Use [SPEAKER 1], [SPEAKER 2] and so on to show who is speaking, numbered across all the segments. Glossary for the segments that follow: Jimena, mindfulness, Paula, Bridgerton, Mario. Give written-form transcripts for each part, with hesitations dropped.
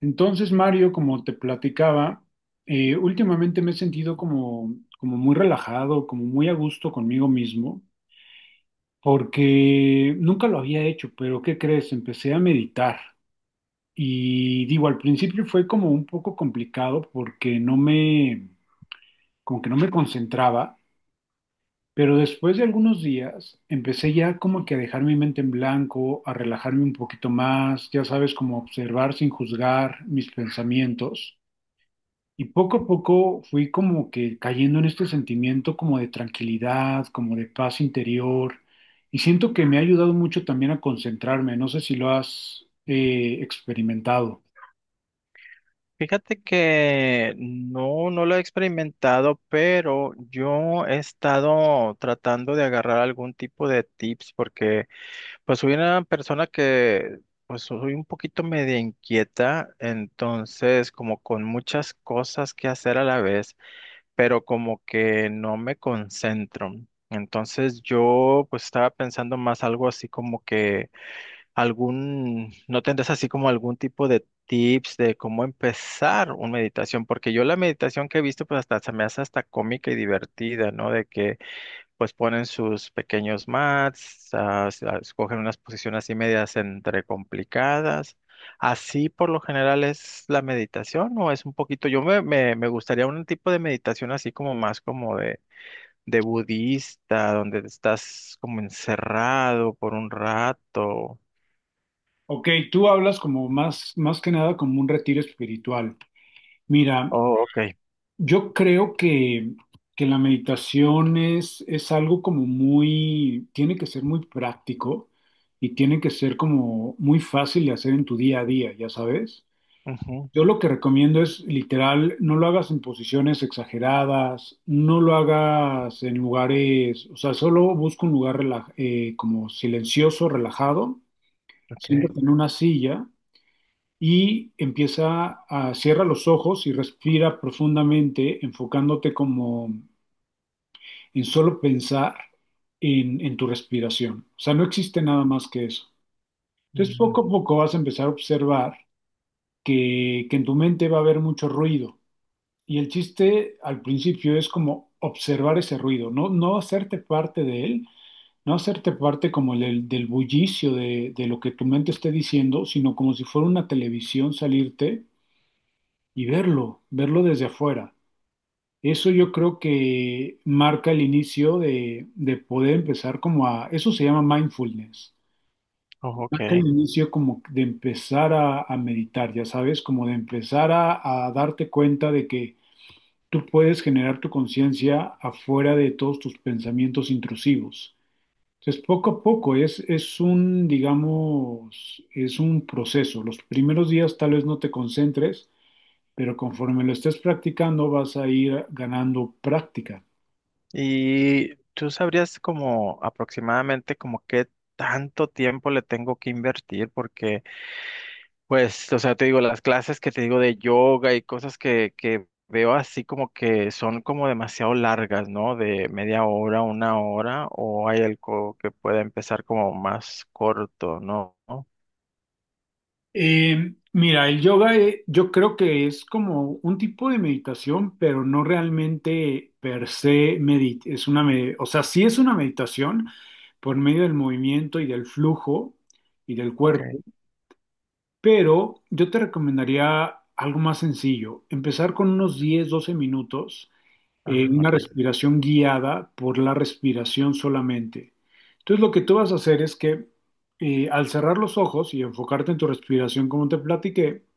[SPEAKER 1] Entonces, Mario, como te platicaba, últimamente me he sentido como muy relajado, como muy a gusto conmigo mismo, porque nunca lo había hecho, pero ¿qué crees? Empecé a meditar y digo, al principio fue como un poco complicado porque no me, como que no me concentraba, pero después de algunos días empecé ya como que a dejar mi mente en blanco, a relajarme un poquito más, ya sabes, como observar sin juzgar mis pensamientos. Y poco a poco fui como que cayendo en este sentimiento como de tranquilidad, como de paz interior. Y siento que me ha ayudado mucho también a concentrarme. No sé si lo has experimentado.
[SPEAKER 2] Fíjate que no lo he experimentado, pero yo he estado tratando de agarrar algún tipo de tips porque pues soy una persona que soy un poquito media inquieta, entonces como con muchas cosas que hacer a la vez, pero como que no me concentro. Entonces yo pues estaba pensando más algo así como que no tendrás así como algún tipo de tips de cómo empezar una meditación, porque yo la meditación que he visto pues hasta se me hace hasta cómica y divertida, ¿no? De que pues ponen sus pequeños mats, escogen unas posiciones así medias entre complicadas. ¿Así por lo general es la meditación o es un poquito, me gustaría un tipo de meditación así como más como de budista, donde estás como encerrado por un rato?
[SPEAKER 1] Ok, tú hablas como más, más que nada como un retiro espiritual. Mira,
[SPEAKER 2] Oh, ok.
[SPEAKER 1] yo creo que la meditación es algo como muy, tiene que ser muy práctico y tiene que ser como muy fácil de hacer en tu día a día, ya sabes.
[SPEAKER 2] Ujú,
[SPEAKER 1] Yo lo que recomiendo es literal, no lo hagas en posiciones exageradas, no lo hagas en lugares, o sea, solo busca un lugar como silencioso, relajado,
[SPEAKER 2] ok.
[SPEAKER 1] siéntate en una silla y empieza a cierra los ojos y respira profundamente, enfocándote como en solo pensar en tu respiración. O sea, no existe nada más que eso. Entonces,
[SPEAKER 2] Mm,
[SPEAKER 1] poco a poco vas a empezar a observar que en tu mente va a haber mucho ruido. Y el chiste al principio es como observar ese ruido, no, no hacerte parte de él, no hacerte parte como del bullicio de lo que tu mente esté diciendo, sino como si fuera una televisión salirte y verlo, verlo desde afuera. Eso yo creo que marca el inicio de poder empezar como a, eso se llama mindfulness,
[SPEAKER 2] oh, ok.
[SPEAKER 1] marca el inicio como de empezar a meditar, ya sabes, como de empezar a darte cuenta de que tú puedes generar tu conciencia afuera de todos tus pensamientos intrusivos. Entonces, poco a poco es un, digamos, es un proceso. Los primeros días tal vez no te concentres, pero conforme lo estés practicando vas a ir ganando práctica.
[SPEAKER 2] ¿Y tú sabrías como aproximadamente como qué tanto tiempo le tengo que invertir? Porque, pues, o sea, te digo, las clases que te digo de yoga y cosas que veo así como que son como demasiado largas, ¿no? De media hora, una hora, o hay algo que pueda empezar como más corto, ¿no?
[SPEAKER 1] Mira, el yoga yo creo que es como un tipo de meditación, pero no realmente per se medit es una me- o sea, sí es una meditación por medio del movimiento y del flujo y del
[SPEAKER 2] Ok.
[SPEAKER 1] cuerpo, pero yo te recomendaría algo más sencillo, empezar con unos 10 12 minutos,
[SPEAKER 2] Ah,
[SPEAKER 1] una
[SPEAKER 2] ok.
[SPEAKER 1] respiración guiada por la respiración solamente. Entonces lo que tú vas a hacer es que al cerrar los ojos y enfocarte en tu respiración, como te platiqué,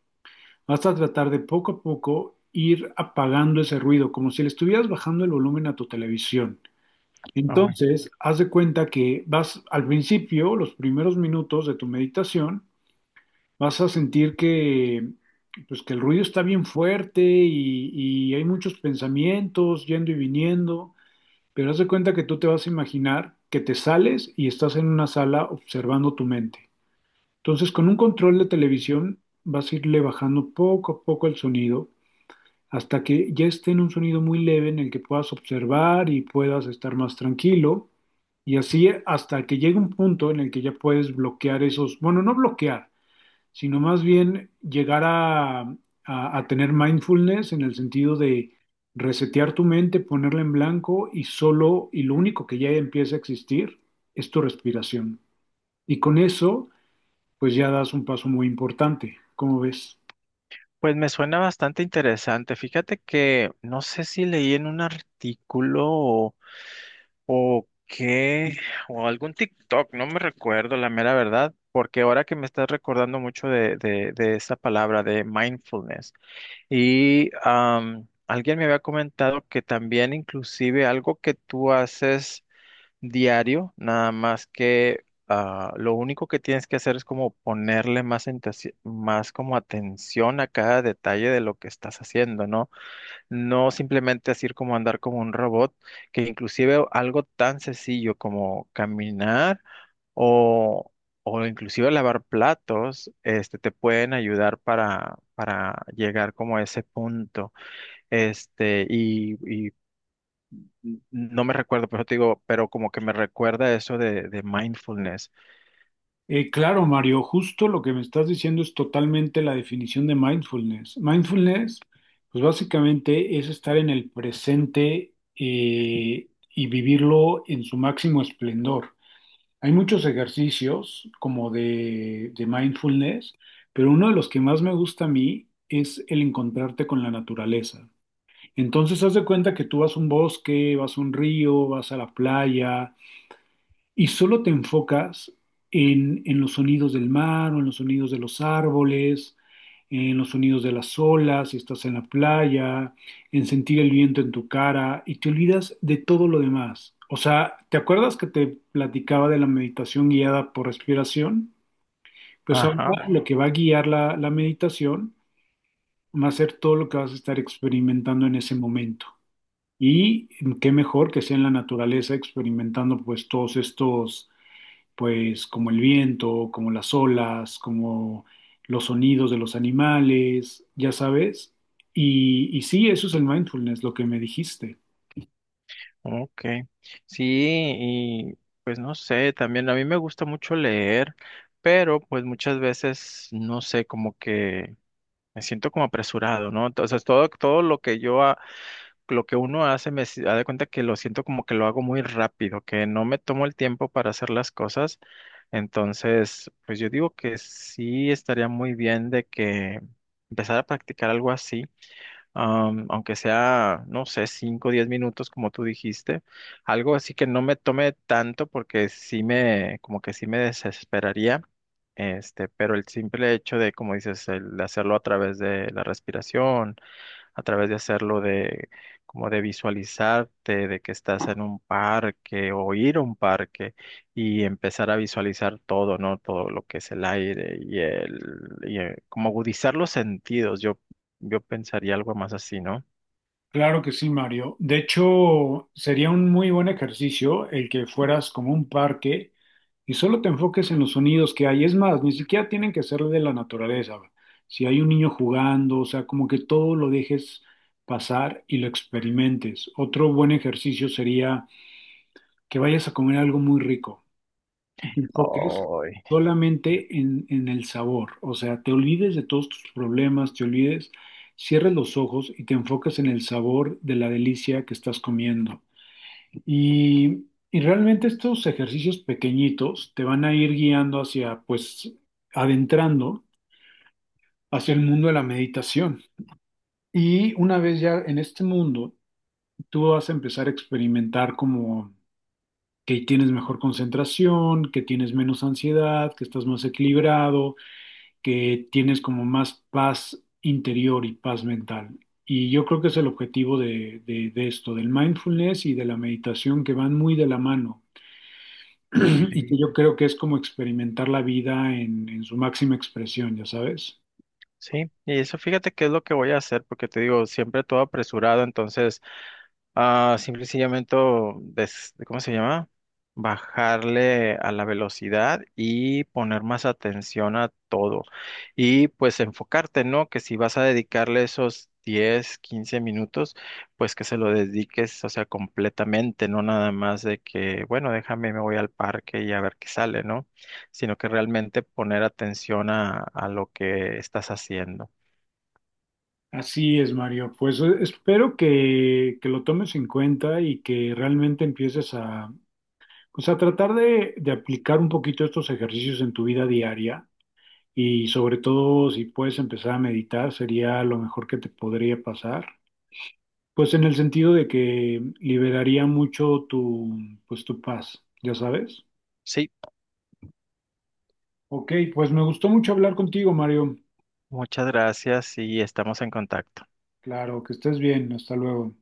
[SPEAKER 1] vas a tratar de poco a poco ir apagando ese ruido, como si le estuvieras bajando el volumen a tu televisión.
[SPEAKER 2] Ah, bueno.
[SPEAKER 1] Entonces, haz de cuenta que vas al principio, los primeros minutos de tu meditación, vas a sentir que, pues, que el ruido está bien fuerte y hay muchos pensamientos yendo y viniendo, pero haz de cuenta que tú te vas a imaginar que te sales y estás en una sala observando tu mente. Entonces, con un control de televisión, vas a irle bajando poco a poco el sonido hasta que ya esté en un sonido muy leve en el que puedas observar y puedas estar más tranquilo. Y así hasta que llegue un punto en el que ya puedes bloquear esos, bueno, no bloquear, sino más bien llegar a tener mindfulness en el sentido de resetear tu mente, ponerla en blanco y solo, y lo único que ya empieza a existir es tu respiración. Y con eso, pues ya das un paso muy importante, ¿cómo ves?
[SPEAKER 2] Pues me suena bastante interesante. Fíjate que no sé si leí en un artículo o qué, o algún TikTok, no me recuerdo la mera verdad, porque ahora que me estás recordando mucho de esa palabra de mindfulness. Y alguien me había comentado que también inclusive algo que tú haces diario, nada más que lo único que tienes que hacer es como ponerle más como atención a cada detalle de lo que estás haciendo, ¿no? No simplemente así como andar como un robot, que inclusive algo tan sencillo como caminar o, o inclusive lavar platos, este, te pueden ayudar para llegar como a ese punto. Este, y no me recuerdo, pero te digo, pero como que me recuerda eso de mindfulness.
[SPEAKER 1] Claro, Mario, justo lo que me estás diciendo es totalmente la definición de mindfulness. Mindfulness, pues básicamente es estar en el presente y vivirlo en su máximo esplendor. Hay muchos ejercicios como de mindfulness, pero uno de los que más me gusta a mí es el encontrarte con la naturaleza. Entonces, haz de cuenta que tú vas a un bosque, vas a un río, vas a la playa y solo te enfocas en los sonidos del mar o en los sonidos de los árboles, en los sonidos de las olas, si estás en la playa, en sentir el viento en tu cara y te olvidas de todo lo demás. O sea, ¿te acuerdas que te platicaba de la meditación guiada por respiración? Pues
[SPEAKER 2] Ajá,
[SPEAKER 1] ahora lo que va a guiar la meditación va a ser todo lo que vas a estar experimentando en ese momento. Y qué mejor que sea en la naturaleza experimentando pues todos estos pues como el viento, como las olas, como los sonidos de los animales, ya sabes. Y sí, eso es el mindfulness, lo que me dijiste.
[SPEAKER 2] ok. Sí, y pues no sé, también a mí me gusta mucho leer, pero pues muchas veces, no sé, como que me siento como apresurado, ¿no? Entonces, todo lo que uno hace me si- da de cuenta que lo siento como que lo hago muy rápido, que no me tomo el tiempo para hacer las cosas. Entonces, pues yo digo que sí estaría muy bien de que empezar a practicar algo así, aunque sea, no sé, 5 o 10 minutos, como tú dijiste, algo así que no me tome tanto porque como que sí me desesperaría. Este, pero el simple hecho de, como dices, el hacerlo a través de la respiración a través de hacerlo de como de visualizarte, de que estás en un parque o ir a un parque y empezar a visualizar todo, ¿no? Todo lo que es el aire como agudizar los sentidos. Yo pensaría algo más así, ¿no?
[SPEAKER 1] Claro que sí, Mario. De hecho, sería un muy buen ejercicio el que fueras como un parque y solo te enfoques en los sonidos que hay. Es más, ni siquiera tienen que ser de la naturaleza. Si hay un niño jugando, o sea, como que todo lo dejes pasar y lo experimentes. Otro buen ejercicio sería que vayas a comer algo muy rico y te enfoques
[SPEAKER 2] Ay,
[SPEAKER 1] solamente en el sabor. O sea, te olvides de todos tus problemas, te olvides, cierres los ojos y te enfocas en el sabor de la delicia que estás comiendo. Y realmente estos ejercicios pequeñitos te van a ir guiando hacia, pues, adentrando hacia el mundo de la meditación. Y una vez ya en este mundo, tú vas a empezar a experimentar como que tienes mejor concentración, que tienes menos ansiedad, que estás más equilibrado, que tienes como más paz interior y paz mental. Y yo creo que es el objetivo de esto, del mindfulness y de la meditación que van muy de la mano. Y que
[SPEAKER 2] sí.
[SPEAKER 1] yo creo que es como experimentar la vida en su máxima expresión, ya sabes.
[SPEAKER 2] Sí, y eso fíjate que es lo que voy a hacer, porque te digo, siempre todo apresurado, entonces ah, simple y sencillamente, ¿cómo se llama? Bajarle a la velocidad y poner más atención a todo. Y pues enfocarte, ¿no? Que si vas a dedicarle esos 10 15 minutos, pues que se lo dediques, o sea, completamente, no nada más de que, bueno, déjame, me voy al parque y a ver qué sale, ¿no? Sino que realmente poner atención a lo que estás haciendo.
[SPEAKER 1] Así es, Mario. Pues espero que lo tomes en cuenta y que realmente empieces a, pues, a tratar de aplicar un poquito estos ejercicios en tu vida diaria. Y sobre todo, si puedes empezar a meditar, sería lo mejor que te podría pasar. Pues en el sentido de que liberaría mucho tu, pues tu paz, ya sabes.
[SPEAKER 2] Sí,
[SPEAKER 1] Ok, pues me gustó mucho hablar contigo, Mario.
[SPEAKER 2] muchas gracias y estamos en contacto.
[SPEAKER 1] Claro, que estés bien. Hasta luego.